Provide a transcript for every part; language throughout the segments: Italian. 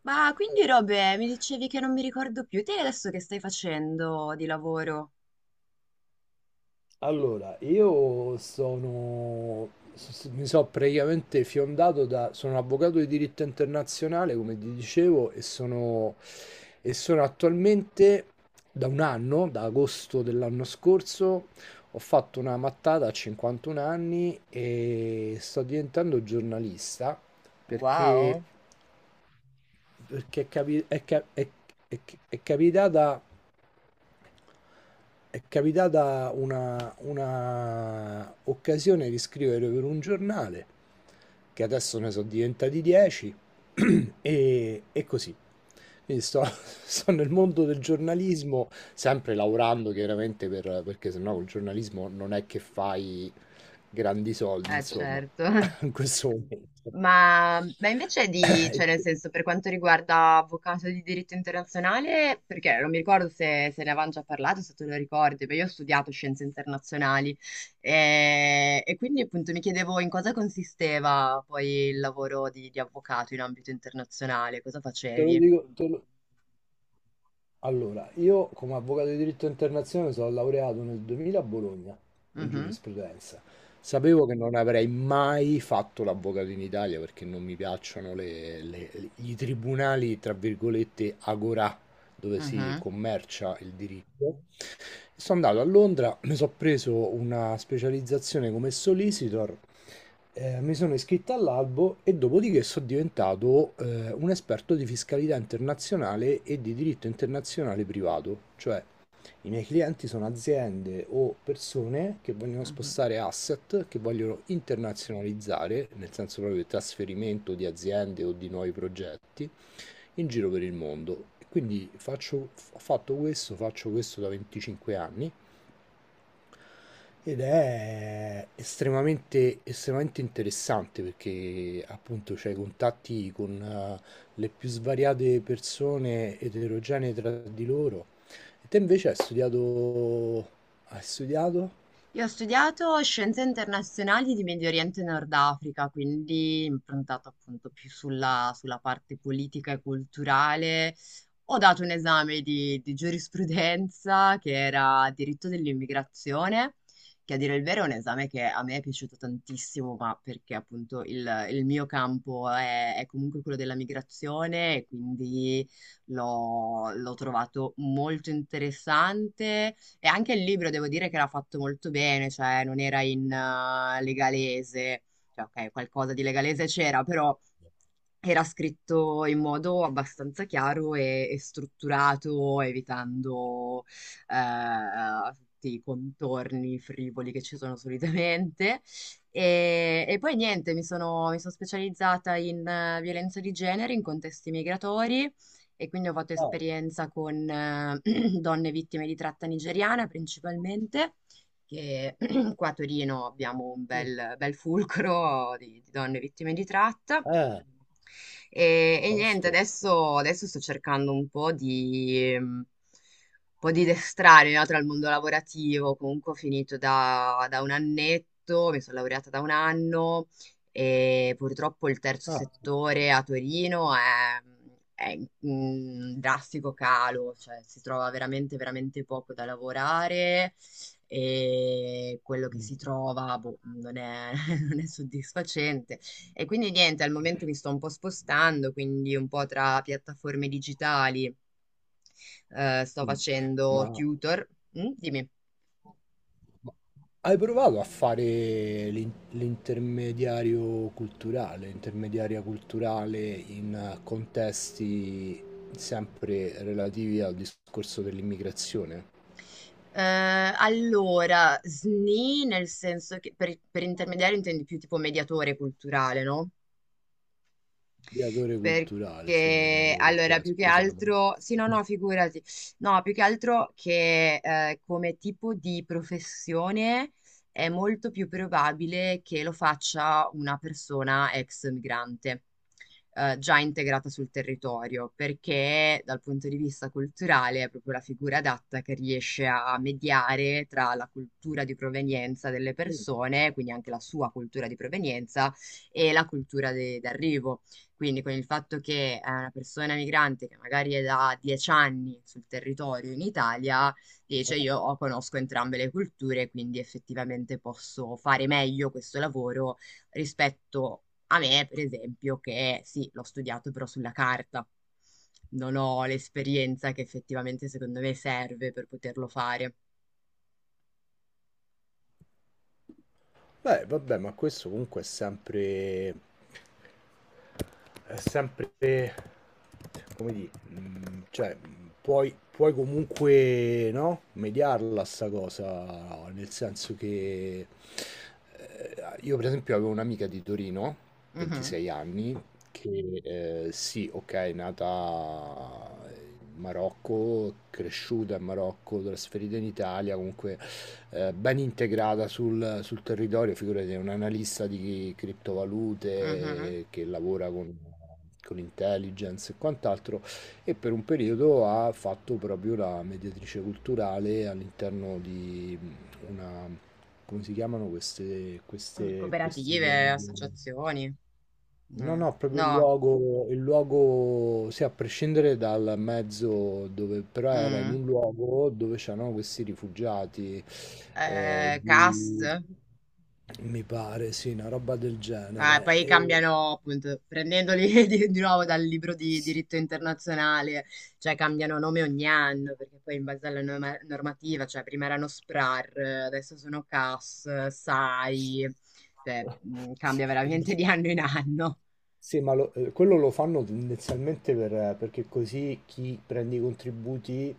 Ma quindi Robe, mi dicevi che non mi ricordo più, te adesso che stai facendo di lavoro? Allora, io sono, mi sono praticamente fiondato da, sono avvocato di diritto internazionale, come ti dicevo, e sono attualmente da un anno, da agosto dell'anno scorso, ho fatto una mattata a 51 anni e sto diventando giornalista perché, perché è, capi- è ca- è- è capitata È capitata una occasione di scrivere per un giornale, che adesso ne sono diventati 10. E, e così. Quindi sto, sto nel mondo del giornalismo, sempre lavorando chiaramente per, perché sennò col giornalismo non è che fai grandi soldi, Eh insomma, certo. in questo momento. Ma invece di, E cioè nel te senso per quanto riguarda avvocato di diritto internazionale, perché non mi ricordo se, se ne avevamo già parlato, se te lo ricordi, ma io ho studiato scienze internazionali e quindi appunto mi chiedevo in cosa consisteva poi il lavoro di avvocato in ambito internazionale, cosa te lo facevi? dico, te lo- Allora, io come avvocato di diritto internazionale sono laureato nel 2000 a Bologna in Mhm, giurisprudenza. Sapevo che non avrei mai fatto l'avvocato in Italia perché non mi piacciono i tribunali, tra virgolette, agorà, dove si mhm, commercia il diritto. Sono andato a Londra, mi sono preso una specializzazione come solicitor, mi sono iscritto all'albo e dopodiché sono diventato un esperto di fiscalità internazionale e di diritto internazionale privato, cioè i miei clienti sono aziende o persone che vogliono mhm. spostare asset, che vogliono internazionalizzare, nel senso proprio di trasferimento di aziende o di nuovi progetti, in giro per il mondo. Quindi ho fatto questo, faccio questo da 25 anni ed è estremamente, estremamente interessante perché appunto c'hai contatti con le più svariate persone eterogenee tra di loro. E te invece hai studiato... Hai studiato? Io ho studiato scienze internazionali di Medio Oriente e Nord Africa, quindi improntato appunto più sulla parte politica e culturale, ho dato un esame di giurisprudenza che era diritto dell'immigrazione, che a dire il vero è un esame che a me è piaciuto tantissimo, ma perché appunto il mio campo è comunque quello della migrazione e quindi l'ho trovato molto interessante. E anche il libro devo dire che l'ha fatto molto bene, cioè non era in legalese, cioè ok, qualcosa di legalese c'era, però era scritto in modo abbastanza chiaro e strutturato, evitando tutti i contorni frivoli che ci sono solitamente. E poi niente, mi sono specializzata in violenza di genere in contesti migratori e quindi ho fatto Ah, esperienza con donne vittime di tratta nigeriana principalmente, che qua a Torino abbiamo un sì. bel, bel fulcro di donne vittime di tratta. Eh, E niente, tosto. adesso, adesso sto cercando un po' di destrarmi, no, tra il mondo lavorativo. Comunque ho finito da un annetto, mi sono laureata da un anno, e purtroppo il terzo Ah, settore a Torino è in drastico calo, cioè si trova veramente, veramente poco da lavorare, e quello che si mm, trova, boh, non è non è soddisfacente. E quindi niente, al momento mi sto un po' spostando, quindi un po' tra piattaforme digitali. Sto mm. facendo Ma... tutor. Mm, dimmi. Ma hai provato a fare l'intermediario culturale, intermediaria culturale in contesti sempre relativi al discorso dell'immigrazione? Eh, allora, SNI nel senso che per intermediario intendi più tipo mediatore culturale, no? Mediatore culturale, sì, Perché mediatore allora, culturale, più che scusa. altro, sì, no, no, figurati, no, più che altro che come tipo di professione è molto più probabile che lo faccia una persona ex migrante, già integrata sul territorio, perché dal punto di vista culturale è proprio la figura adatta che riesce a mediare tra la cultura di provenienza delle persone, quindi anche la sua cultura di provenienza, e la cultura d'arrivo. Quindi con il fatto che è una persona migrante che magari è da 10 anni sul territorio in Italia, dice, io conosco entrambe le culture, quindi effettivamente posso fare meglio questo lavoro rispetto a me, per esempio, che sì, l'ho studiato però sulla carta. Non ho l'esperienza che effettivamente secondo me serve per poterlo fare. Beh, vabbè, ma questo comunque è sempre... come dire, cioè, puoi, puoi comunque, no? Mediarla sta cosa, nel senso che... io per esempio avevo un'amica di Torino, Mhm, 26 anni, che sì, ok, è nata in Marocco, cresciuta in Marocco, trasferita in Italia, comunque ben integrata sul, sul territorio, figurati, è un analista di mhm. criptovalute che lavora con intelligence e quant'altro, e per un periodo ha fatto proprio la mediatrice culturale all'interno di una, come si chiamano queste, queste, questi Cooperative, luoghi? associazioni, No, mm, no, proprio no, il luogo, sì, a prescindere dal mezzo dove, però era in mm. un luogo dove c'erano questi rifugiati, CAS. di, mi pare, sì, una roba del Ah, genere. poi E... cambiano, appunto, prendendoli di nuovo dal libro di diritto internazionale, cioè cambiano nome ogni anno, perché poi in base alla normativa, cioè prima erano SPRAR, adesso sono CAS, SAI, cioè cambia veramente di anno in anno. Sì, ma quello lo fanno tendenzialmente perché così chi prende i contributi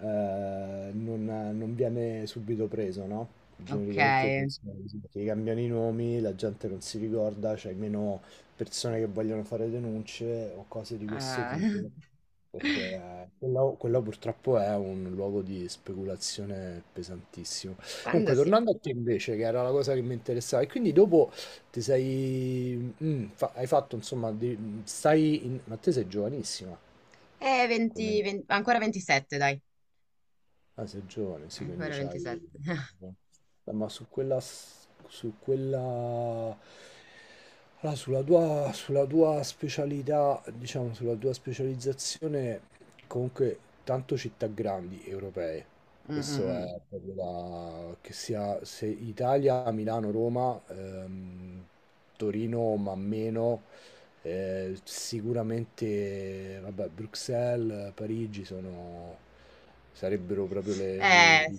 non, non viene subito preso, no? Ok. Genericamente funziona così, perché gli cambiano i nomi, la gente non si ricorda, c'è meno persone che vogliono fare denunce o cose di questo tipo, perché quello, quello purtroppo è un luogo di speculazione pesantissimo. Quando Comunque, si. tornando a te invece, che era la cosa che mi interessava, e quindi dopo ti sei... mm, hai fatto, insomma, stai Ma te sei giovanissima, 20, come... 20 ancora 27, dai. Ah, sei giovane, sì, quindi Ancora c'hai... 27. Ma su quella... su quella... Allora, sulla tua specialità, diciamo, sulla tua specializzazione, comunque, tanto città grandi europee. Mm, mm, Questo mm. è proprio la... che sia se Italia, Milano, Roma, Torino, ma meno. Sicuramente, vabbè, Bruxelles, Parigi sono, sarebbero proprio le. Eh,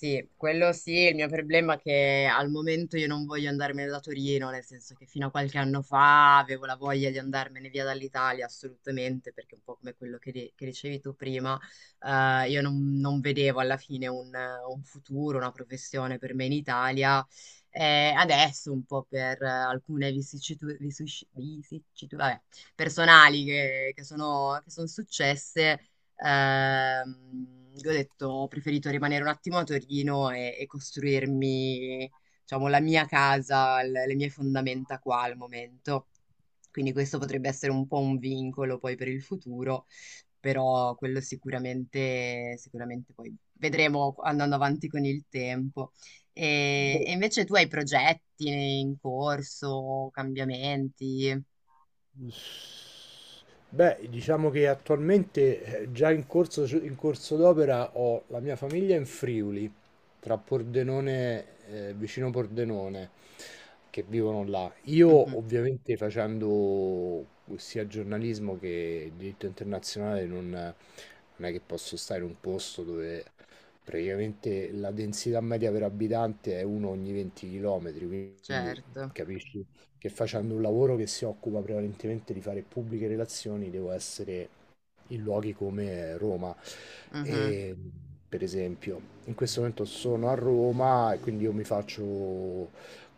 Sì, quello sì, il mio problema è che al momento io non voglio andarmene da Torino, nel senso che fino a qualche anno fa avevo la voglia di andarmene via dall'Italia, assolutamente, perché un po' come quello che, che dicevi tu prima, io non vedevo alla fine un futuro, una professione per me in Italia. Adesso un po' per alcune vicissitudini personali che sono successe. Ehm, io ho detto, ho preferito rimanere un attimo a Torino e costruirmi, diciamo, la mia casa, le mie fondamenta qua al momento. Quindi questo potrebbe essere un po' un vincolo poi per il futuro, però quello sicuramente, sicuramente poi vedremo andando avanti con il tempo. E, Boh, e invece tu hai progetti in corso, cambiamenti? S- Beh, diciamo che attualmente già in corso d'opera ho la mia famiglia in Friuli, tra Pordenone, vicino Pordenone, che vivono là. Mhm, Io ovviamente facendo sia giornalismo che diritto internazionale non è che posso stare in un posto dove praticamente la densità media per abitante è uno ogni 20 km, quindi certo. capisci? Che facendo un lavoro che si occupa prevalentemente di fare pubbliche relazioni, devo essere in luoghi come Roma. Mhm. E, per esempio, in questo momento sono a Roma e quindi io mi faccio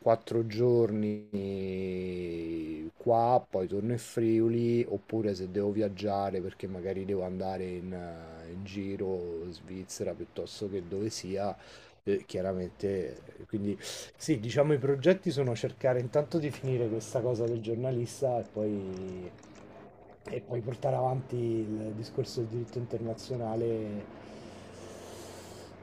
quattro giorni qua, poi torno in Friuli, oppure se devo viaggiare perché magari devo andare in, in giro, Svizzera piuttosto che dove sia, chiaramente, quindi sì, diciamo i progetti sono cercare intanto di finire questa cosa del giornalista e poi portare avanti il discorso del diritto internazionale,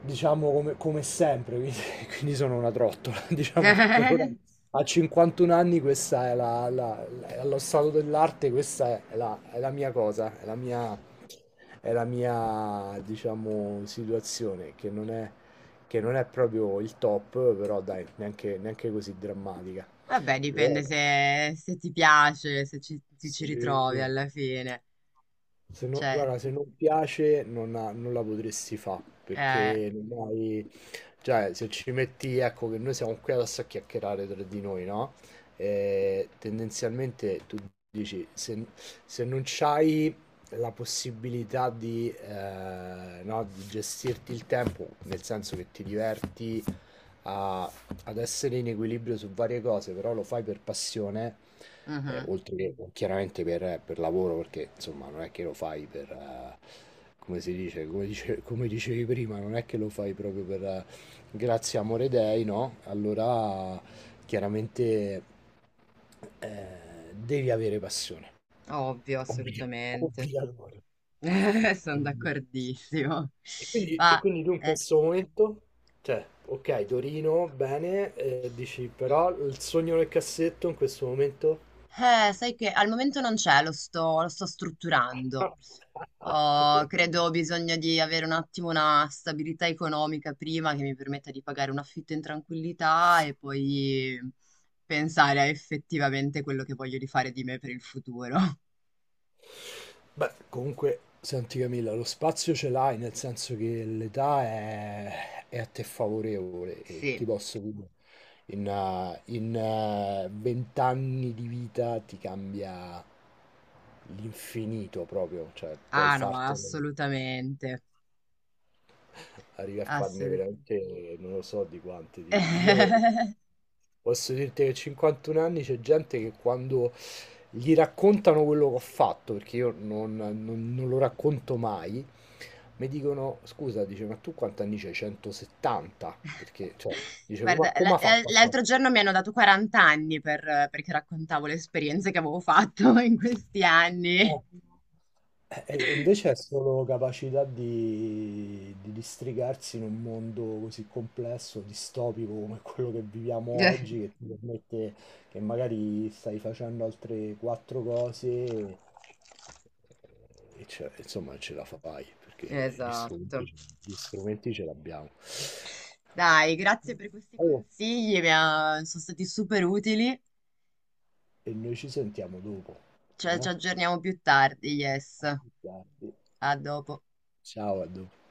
diciamo come, come sempre, quindi, quindi sono una trottola. Diciamo che per ora a 51 anni questa è allo stato dell'arte, questa è la mia cosa, è la mia, diciamo, situazione che non è proprio il top, però dai, neanche, neanche così drammatica. Vabbè, Però, dipende se, se ti piace, se ci, ti ci sì. ritrovi alla fine. Se non, Cioè, guarda, se non piace non, non la potresti fare eh, perché non hai cioè, se ci metti, ecco che noi siamo qui adesso a chiacchierare tra di noi, no? E tendenzialmente tu dici, se, se non c'hai la possibilità di, no, di gestirti il tempo, nel senso che ti diverti a- ad essere in equilibrio su varie cose, però lo fai per passione, mhm, oltre che chiaramente per lavoro, perché insomma non è che lo fai per, come si dice, come dicevi prima, non è che lo fai proprio per, grazie amore dei, no? Allora chiaramente devi avere passione. ovvio, assolutamente. Obbligatorio. Sono Obbli- d'accordissimo. E Ma, quindi tu in eh. questo momento, cioè, ok, Torino, bene, dici, però il sogno nel cassetto in questo momento... Sai che al momento non c'è, lo sto strutturando. Oh, Grande. credo ho bisogno di avere un attimo una stabilità economica prima, che mi permetta di pagare un affitto in tranquillità, e poi pensare a effettivamente quello che voglio di fare di me per il futuro. Beh, comunque, senti Camilla, lo spazio ce l'hai, nel senso che l'età è a te favorevole e ti Sì, posso dire, in, 20 anni di vita ti cambia l'infinito proprio, cioè puoi ah no, fartelo assolutamente, arrivi a farne assolutamente. veramente non lo so di quanti. Io posso dirti che a 51 anni c'è gente che quando gli raccontano quello che ho fatto, perché io non lo racconto mai, mi dicono, scusa, dice, ma tu quanti anni c'hai? 170? Perché, cioè, dice, come, Guarda, come l- ha l- fatto a l'altro fare? giorno mi hanno dato 40 anni, perché raccontavo le esperienze che avevo fatto in questi Eh. anni. E invece è solo capacità di districarsi in un mondo così complesso, distopico come quello che viviamo oggi, che ti permette che magari stai facendo altre quattro cose e, insomma ce la fai, perché Esatto. Gli strumenti ce l'abbiamo. Dai, grazie per questi Oh, consigli, sono stati super utili. e noi ci sentiamo dopo. Cioè, ci Eh? aggiorniamo più tardi, yes. A A più tardi. dopo. Ciao, a dopo.